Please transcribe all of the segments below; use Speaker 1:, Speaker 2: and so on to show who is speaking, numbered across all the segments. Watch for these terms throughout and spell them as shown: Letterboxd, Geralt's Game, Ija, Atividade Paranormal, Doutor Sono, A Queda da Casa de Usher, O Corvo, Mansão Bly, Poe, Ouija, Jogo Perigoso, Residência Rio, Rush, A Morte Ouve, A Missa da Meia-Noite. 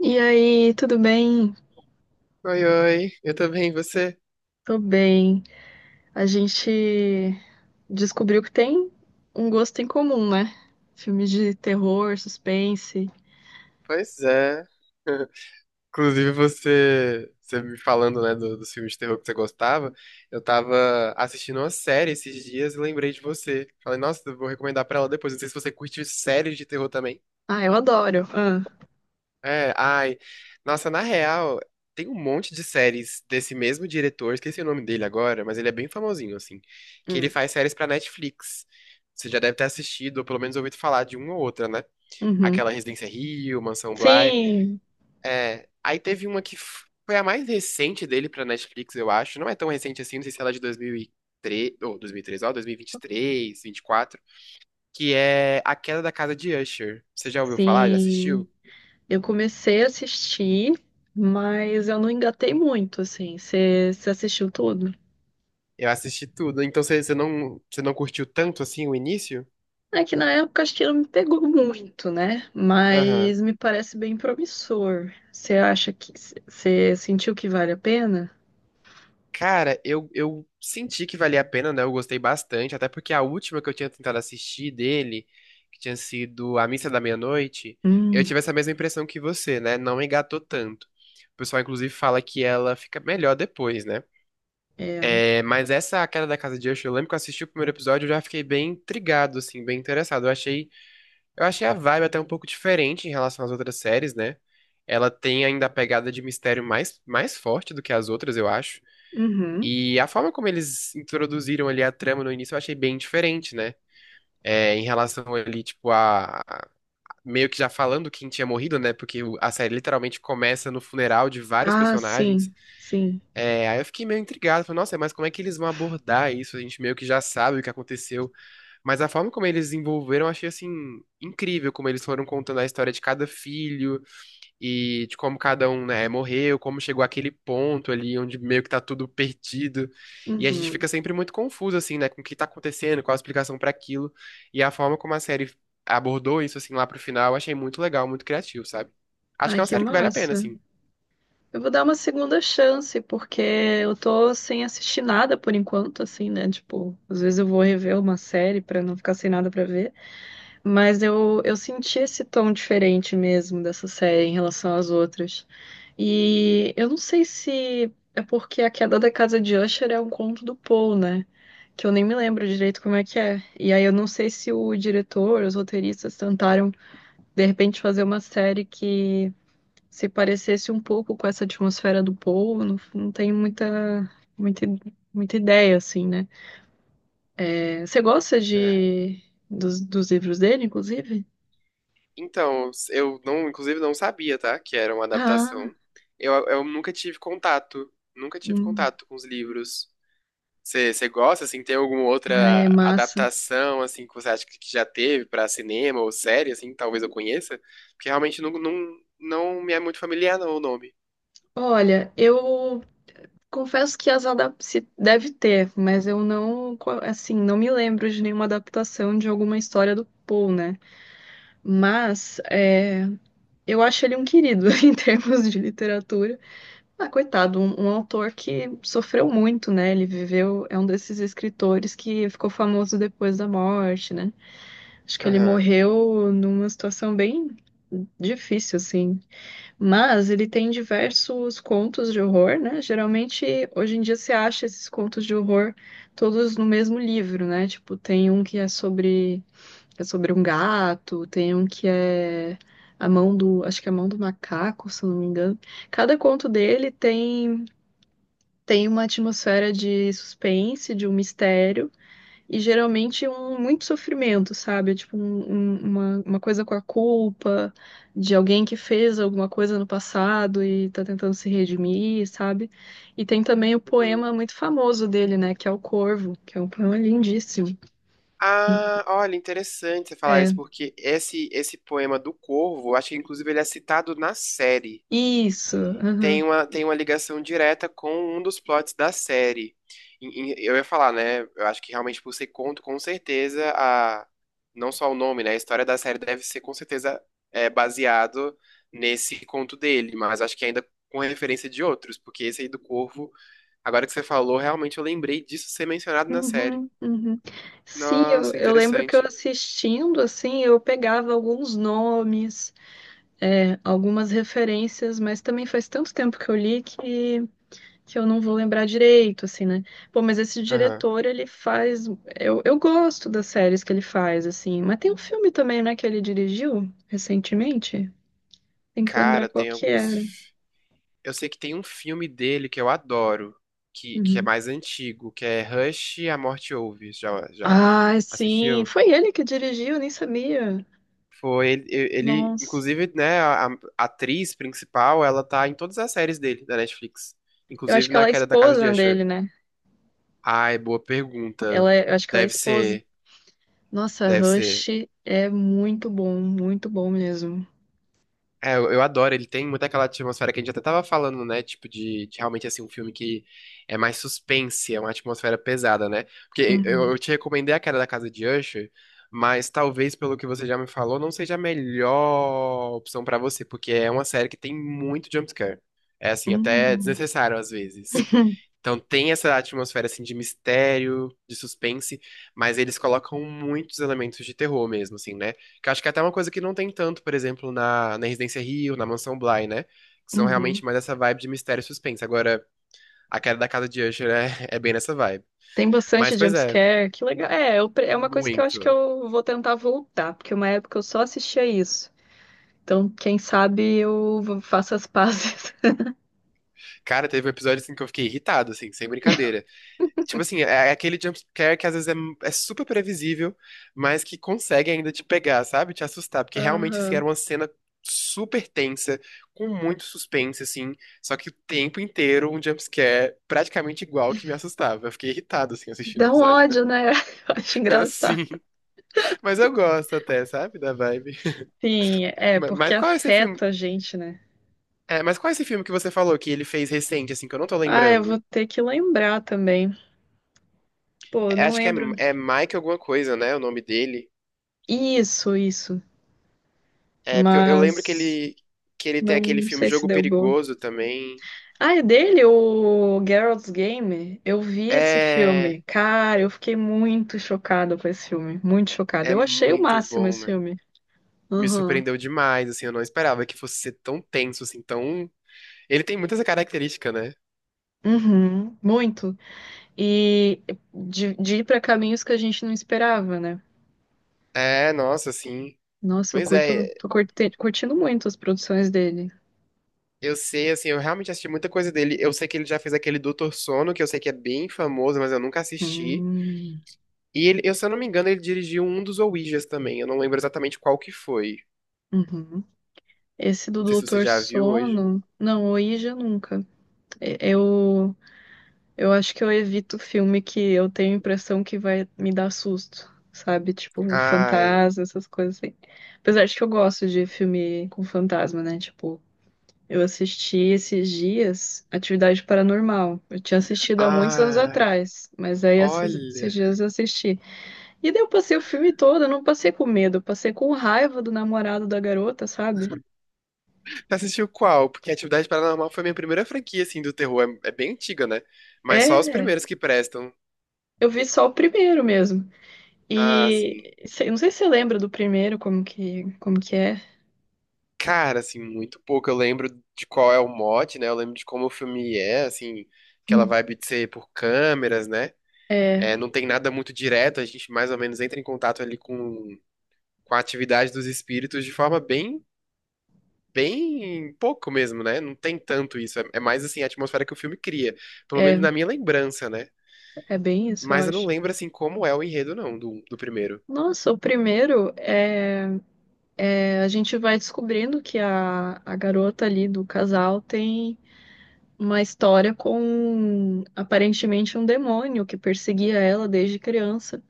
Speaker 1: E aí, tudo bem?
Speaker 2: Oi, oi, eu também, e você?
Speaker 1: Tô bem. A gente descobriu que tem um gosto em comum, né? Filmes de terror, suspense.
Speaker 2: Pois é. Inclusive, você me falando, né, dos filmes de terror que você gostava, eu tava assistindo uma série esses dias e lembrei de você. Falei, nossa, eu vou recomendar pra ela depois. Não sei se você curte séries de terror também.
Speaker 1: Ah, eu adoro. Ah,
Speaker 2: É, ai. Nossa, na real, tem um monte de séries desse mesmo diretor, esqueci o nome dele agora, mas ele é bem famosinho, assim, que ele
Speaker 1: hum.
Speaker 2: faz séries pra Netflix. Você já deve ter assistido, ou pelo menos ouvido falar de uma ou outra, né? Aquela
Speaker 1: Uhum.
Speaker 2: Residência Rio, Mansão Bly.
Speaker 1: Sim,
Speaker 2: É, aí teve uma que foi a mais recente dele pra Netflix, eu acho. Não é tão recente assim, não sei se ela é de 2003 ou 2003, ó, 2023, 24. Que é A Queda da Casa de Usher. Você já ouviu falar? Já
Speaker 1: sim.
Speaker 2: assistiu?
Speaker 1: Eu comecei a assistir, mas eu não engatei muito, assim. Você assistiu tudo?
Speaker 2: Eu assisti tudo. Então você não, você não curtiu tanto assim o início?
Speaker 1: É que na época acho que não me pegou muito, né?
Speaker 2: Aham.
Speaker 1: Mas me parece bem promissor. Você acha que você sentiu que vale a pena?
Speaker 2: Cara, eu senti que valia a pena, né? Eu gostei bastante, até porque a última que eu tinha tentado assistir dele, que tinha sido A Missa da Meia-Noite, eu
Speaker 1: Hum,
Speaker 2: tive essa mesma impressão que você, né? Não engatou tanto. O pessoal, inclusive, fala que ela fica melhor depois, né?
Speaker 1: é.
Speaker 2: É, mas essa A Queda da Casa de Usher, eu lembro que eu assisti o primeiro episódio, eu já fiquei bem intrigado, assim, bem interessado. Eu achei a vibe até um pouco diferente em relação às outras séries, né? Ela tem ainda a pegada de mistério mais, mais forte do que as outras, eu acho.
Speaker 1: Uhum.
Speaker 2: E a forma como eles introduziram ali a trama no início eu achei bem diferente, né? É, em relação ali, tipo, Meio que já falando quem tinha morrido, né? Porque a série literalmente começa no funeral de vários
Speaker 1: Ah,
Speaker 2: personagens.
Speaker 1: sim, sim.
Speaker 2: É, aí eu fiquei meio intrigado. Falei, nossa, mas como é que eles vão abordar isso? A gente meio que já sabe o que aconteceu. Mas a forma como eles envolveram, eu achei, assim, incrível. Como eles foram contando a história de cada filho e de como cada um, né, morreu, como chegou àquele ponto ali onde meio que tá tudo perdido. E a gente fica
Speaker 1: Uhum.
Speaker 2: sempre muito confuso, assim, né, com o que tá acontecendo, qual a explicação pra aquilo. E a forma como a série abordou isso, assim, lá pro final, eu achei muito legal, muito criativo, sabe? Acho que
Speaker 1: Ai,
Speaker 2: é uma
Speaker 1: que
Speaker 2: série que vale a pena,
Speaker 1: massa.
Speaker 2: assim.
Speaker 1: Eu vou dar uma segunda chance, porque eu tô sem assistir nada por enquanto, assim, né? Tipo, às vezes eu vou rever uma série pra não ficar sem nada pra ver. Mas eu senti esse tom diferente mesmo dessa série em relação às outras. E eu não sei se é porque A Queda da Casa de Usher é um conto do Poe, né? Que eu nem me lembro direito como é que é. E aí eu não sei se o diretor, os roteiristas tentaram, de repente, fazer uma série que se parecesse um pouco com essa atmosfera do Poe. Não, não tenho muita, muita, muita ideia, assim, né? É, você gosta
Speaker 2: É.
Speaker 1: de, dos livros dele, inclusive?
Speaker 2: Então, eu não, inclusive não sabia, tá, que era uma
Speaker 1: Ah,
Speaker 2: adaptação. Eu nunca tive contato,
Speaker 1: hum.
Speaker 2: com os livros. Você gosta, assim, tem alguma
Speaker 1: Ai, é
Speaker 2: outra
Speaker 1: massa.
Speaker 2: adaptação, assim, que você acha que já teve pra cinema ou série, assim, talvez eu conheça? Porque realmente não, não, não me é muito familiar, não, o nome.
Speaker 1: Olha, eu confesso que as adap se deve ter, mas eu não, co- assim, não me lembro de nenhuma adaptação de alguma história do Poe, né? Mas é, eu acho ele um querido em termos de literatura. Ah, coitado, um autor que sofreu muito, né? Ele viveu, é um desses escritores que ficou famoso depois da morte, né? Acho que ele
Speaker 2: Aham.
Speaker 1: morreu numa situação bem difícil, assim. Mas ele tem diversos contos de horror, né? Geralmente, hoje em dia, você acha esses contos de horror todos no mesmo livro, né? Tipo, tem um que é sobre um gato, tem um que é a mão do, acho que é a mão do macaco, se eu não me engano. Cada conto dele tem, tem uma atmosfera de suspense, de um mistério. E geralmente é um muito sofrimento, sabe? É tipo, um- um- uma coisa com a culpa de alguém que fez alguma coisa no passado e tá tentando se redimir, sabe? E tem também o
Speaker 2: Uhum.
Speaker 1: poema muito famoso dele, né? Que é O Corvo, que é um poema lindíssimo.
Speaker 2: Ah, olha, interessante você falar
Speaker 1: É,
Speaker 2: isso, porque esse poema do Corvo, eu acho que inclusive ele é citado na série.
Speaker 1: isso.
Speaker 2: tem
Speaker 1: Aham.
Speaker 2: uma, tem uma ligação direta com um dos plots da série. Eu ia falar, né? Eu acho que realmente por ser conto, com certeza, a, não só o nome, né? A história da série deve ser com certeza é, baseado nesse conto dele, mas acho que ainda com referência de outros, porque esse aí do Corvo, agora que você falou, realmente eu lembrei disso ser mencionado na série.
Speaker 1: Uhum, uhum. Sim,
Speaker 2: Nossa,
Speaker 1: eu lembro que eu
Speaker 2: interessante.
Speaker 1: assistindo, assim, eu pegava alguns nomes, é, algumas referências, mas também faz tanto tempo que eu li que eu não vou lembrar direito, assim, né? Pô, mas esse
Speaker 2: Aham.
Speaker 1: diretor, ele faz. Eu gosto das séries que ele faz, assim. Mas tem um filme também, né, que ele dirigiu recentemente. Tem que lembrar
Speaker 2: Cara,
Speaker 1: qual
Speaker 2: tem
Speaker 1: que era.
Speaker 2: alguns eu sei que tem um filme dele que eu adoro, que é
Speaker 1: Uhum.
Speaker 2: mais antigo, que é Rush, A Morte Ouve. Já, já
Speaker 1: Ah, sim.
Speaker 2: assistiu?
Speaker 1: Foi ele que dirigiu, nem sabia.
Speaker 2: Foi ele,
Speaker 1: Nossa.
Speaker 2: inclusive, né, a atriz principal, ela tá em todas as séries dele da Netflix,
Speaker 1: Eu acho
Speaker 2: inclusive
Speaker 1: que
Speaker 2: na
Speaker 1: ela é
Speaker 2: Queda da Casa de
Speaker 1: esposa dele,
Speaker 2: Usher.
Speaker 1: né?
Speaker 2: Ai, boa pergunta.
Speaker 1: Ela é- eu acho que ela é
Speaker 2: Deve
Speaker 1: esposa.
Speaker 2: ser,
Speaker 1: Nossa,
Speaker 2: deve
Speaker 1: Rush
Speaker 2: ser.
Speaker 1: é muito bom mesmo.
Speaker 2: É, eu adoro, ele tem muito aquela atmosfera que a gente até tava falando, né? Tipo, de realmente, assim, um filme que é mais suspense, é uma atmosfera pesada, né? Porque eu,
Speaker 1: Uhum.
Speaker 2: eu te recomendei a Queda da Casa de Usher, mas talvez, pelo que você já me falou, não seja a melhor opção pra você, porque é uma série que tem muito jumpscare. É, assim, até
Speaker 1: Uhum.
Speaker 2: desnecessário às vezes. Então tem essa atmosfera, assim, de mistério, de suspense, mas eles colocam muitos elementos de terror mesmo, assim, né? Que eu acho que é até uma coisa que não tem tanto, por exemplo, na Residência Rio, na Mansão Bly, né? Que são realmente
Speaker 1: Uhum.
Speaker 2: mais essa vibe de mistério e suspense. Agora, a queda da casa de Usher é, é bem nessa vibe.
Speaker 1: Tem
Speaker 2: Mas,
Speaker 1: bastante
Speaker 2: pois é,
Speaker 1: jumpscare, que legal. É, eu pre- é uma coisa que eu acho que
Speaker 2: muito.
Speaker 1: eu vou tentar voltar, porque uma época eu só assistia isso. Então, quem sabe eu vou- faço as pazes.
Speaker 2: Cara, teve um episódio assim que eu fiquei irritado, assim, sem brincadeira. Tipo assim, é aquele jumpscare que às vezes é, é super previsível, mas que consegue ainda te pegar, sabe? Te assustar. Porque realmente, assim,
Speaker 1: Aham.
Speaker 2: era uma cena super tensa, com muito suspense, assim. Só que o tempo inteiro um jumpscare praticamente igual que me assustava. Eu fiquei irritado, assim, assistindo o
Speaker 1: Dá um
Speaker 2: episódio.
Speaker 1: ódio, né? Eu acho engraçado.
Speaker 2: Assim. Mas eu gosto até, sabe? Da vibe.
Speaker 1: Sim, é, porque
Speaker 2: Mas qual é esse filme?
Speaker 1: afeta a gente, né?
Speaker 2: É, mas qual é esse filme que você falou que ele fez recente, assim, que eu não tô
Speaker 1: Ah, eu vou
Speaker 2: lembrando?
Speaker 1: ter que lembrar também. Pô, eu
Speaker 2: É,
Speaker 1: não
Speaker 2: acho que
Speaker 1: lembro.
Speaker 2: é Mike alguma coisa, né? O nome dele.
Speaker 1: Isso, isso.
Speaker 2: É, porque eu lembro que
Speaker 1: Mas
Speaker 2: que ele tem aquele
Speaker 1: não
Speaker 2: filme
Speaker 1: sei se
Speaker 2: Jogo
Speaker 1: deu bom.
Speaker 2: Perigoso também.
Speaker 1: Ah, é dele, o Geralt's Game? Eu vi esse
Speaker 2: É,
Speaker 1: filme. Cara, eu fiquei muito chocada com esse filme. Muito chocada.
Speaker 2: é
Speaker 1: Eu achei o
Speaker 2: muito
Speaker 1: máximo
Speaker 2: bom,
Speaker 1: esse
Speaker 2: né?
Speaker 1: filme.
Speaker 2: Me
Speaker 1: Aham.
Speaker 2: surpreendeu demais, assim, eu não esperava que fosse ser tão tenso, assim, tão. Ele tem muita essa característica, né?
Speaker 1: Uhum. Muito. E de ir pra caminhos que a gente não esperava, né?
Speaker 2: É, nossa, assim.
Speaker 1: Nossa, eu
Speaker 2: Pois
Speaker 1: curto,
Speaker 2: é,
Speaker 1: tô curte- curtindo muito as produções dele.
Speaker 2: eu sei, assim, eu realmente assisti muita coisa dele. Eu sei que ele já fez aquele Doutor Sono, que eu sei que é bem famoso, mas eu nunca assisti.
Speaker 1: Hum.
Speaker 2: E ele, eu, se eu não me engano, ele dirigiu um dos Ouijas também. Eu não lembro exatamente qual que foi.
Speaker 1: Uhum. Esse do
Speaker 2: Não sei se você
Speaker 1: Doutor
Speaker 2: já viu hoje.
Speaker 1: Sono. Não, o Ija nunca. É eu acho que eu evito filme que eu tenho a impressão que vai me dar susto, sabe? Tipo,
Speaker 2: Ai,
Speaker 1: fantasma, essas coisas assim. Apesar de que eu gosto de filme com fantasma, né? Tipo, eu assisti esses dias Atividade Paranormal. Eu tinha assistido há muitos anos
Speaker 2: ai.
Speaker 1: atrás, mas aí essas- esses
Speaker 2: Olha,
Speaker 1: dias eu assisti. E daí eu passei o filme todo, eu não passei com medo, eu passei com raiva do namorado da garota, sabe?
Speaker 2: você assistiu qual? Porque Atividade Paranormal foi minha primeira franquia, assim, do terror. É bem antiga, né? Mas só os
Speaker 1: É,
Speaker 2: primeiros que prestam.
Speaker 1: eu vi só o primeiro mesmo.
Speaker 2: Ah,
Speaker 1: E
Speaker 2: assim,
Speaker 1: sei- não sei se você lembra do primeiro, como que é.
Speaker 2: cara, assim, muito pouco. Eu lembro de qual é o mote, né? Eu lembro de como o filme é, assim, aquela vibe de ser por câmeras, né?
Speaker 1: É,
Speaker 2: É, não tem nada muito direto, a gente mais ou menos entra em contato ali com a atividade dos espíritos de forma bem, bem pouco mesmo, né? Não tem tanto isso. É mais, assim, a atmosfera que o filme cria. Pelo menos
Speaker 1: é,
Speaker 2: na minha lembrança, né?
Speaker 1: é bem isso, eu
Speaker 2: Mas eu não
Speaker 1: acho.
Speaker 2: lembro, assim, como é o enredo, não, do primeiro.
Speaker 1: Nossa, o primeiro é, é a gente vai descobrindo que a garota ali do casal tem uma história com aparentemente um demônio que perseguia ela desde criança.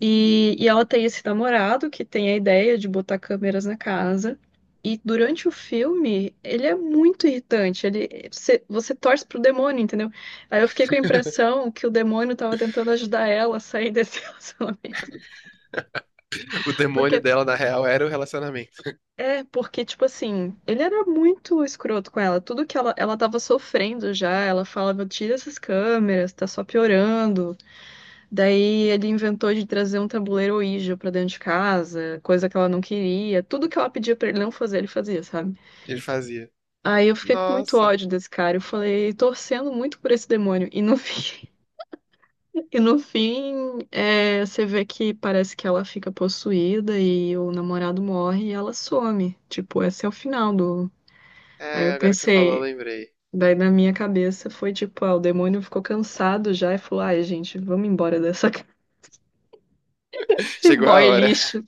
Speaker 1: E ela tem esse namorado que tem a ideia de botar câmeras na casa. E durante o filme, ele é muito irritante. Ele, você, você torce pro demônio, entendeu? Aí eu fiquei com a impressão que o demônio tava tentando ajudar ela a sair desse relacionamento.
Speaker 2: O demônio
Speaker 1: Porque,
Speaker 2: dela, na real, era o relacionamento.
Speaker 1: é, porque, tipo assim, ele era muito escroto com ela. Tudo que ela tava sofrendo já, ela falava, tira essas câmeras, tá só piorando. Daí ele inventou de trazer um tabuleiro Ouija pra dentro de casa, coisa que ela não queria. Tudo que ela pedia pra ele não fazer, ele fazia, sabe?
Speaker 2: Ele fazia.
Speaker 1: Aí eu fiquei com muito
Speaker 2: Nossa.
Speaker 1: ódio desse cara. Eu falei, torcendo muito por esse demônio. E no fim, e no fim, é, você vê que parece que ela fica possuída e o namorado morre e ela some. Tipo, esse é o final do. Aí
Speaker 2: É,
Speaker 1: eu
Speaker 2: agora que você falou, eu
Speaker 1: pensei.
Speaker 2: lembrei.
Speaker 1: Daí na minha cabeça foi tipo, ah, o demônio ficou cansado já e falou, ai, gente, vamos embora dessa casa, esse
Speaker 2: Chegou a
Speaker 1: boy
Speaker 2: hora.
Speaker 1: lixo.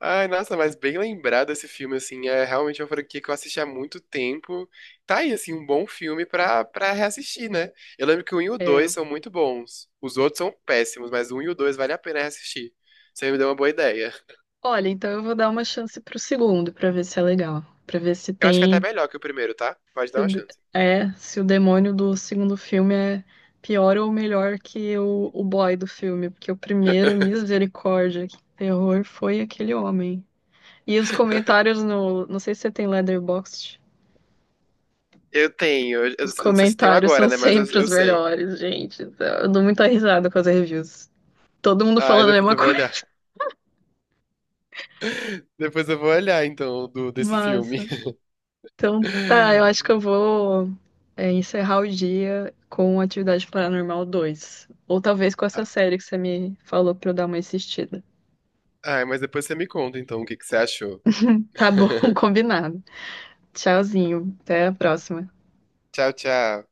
Speaker 2: Ai, nossa, mas bem lembrado esse filme, assim. É realmente uma franquia que eu assisti há muito tempo. Tá aí, assim, um bom filme pra reassistir, né? Eu lembro que o um e o
Speaker 1: É,
Speaker 2: 2 são muito bons. Os outros são péssimos, mas o um e o 2 vale a pena reassistir. Você me deu uma boa ideia.
Speaker 1: olha, então eu vou dar uma chance pro segundo pra ver se é legal. Pra ver se
Speaker 2: Eu acho que é até
Speaker 1: tem,
Speaker 2: melhor que o primeiro, tá? Pode
Speaker 1: se
Speaker 2: dar
Speaker 1: o,
Speaker 2: uma
Speaker 1: de-
Speaker 2: chance.
Speaker 1: é, se o demônio do segundo filme é pior ou melhor que o boy do filme, porque o primeiro, misericórdia, que terror foi aquele homem. E os comentários no, não sei se você tem Letterboxd,
Speaker 2: Eu tenho, eu
Speaker 1: os
Speaker 2: não sei se tenho
Speaker 1: comentários são
Speaker 2: agora, né? Mas
Speaker 1: sempre
Speaker 2: eu,
Speaker 1: os
Speaker 2: eu sei.
Speaker 1: melhores, gente. Eu dou muita risada com as reviews. Todo mundo
Speaker 2: Ai,
Speaker 1: falando a
Speaker 2: depois
Speaker 1: mesma
Speaker 2: eu vou
Speaker 1: coisa.
Speaker 2: olhar. Depois eu vou olhar, então, desse filme.
Speaker 1: Massa. Então, tá, eu acho que eu vou é, encerrar o dia com Atividade Paranormal 2, ou talvez com essa série que você me falou pra eu dar uma assistida.
Speaker 2: Ai, mas depois você me conta, então, o que que você achou.
Speaker 1: Tá bom, combinado. Tchauzinho, até a próxima.
Speaker 2: Tchau, tchau.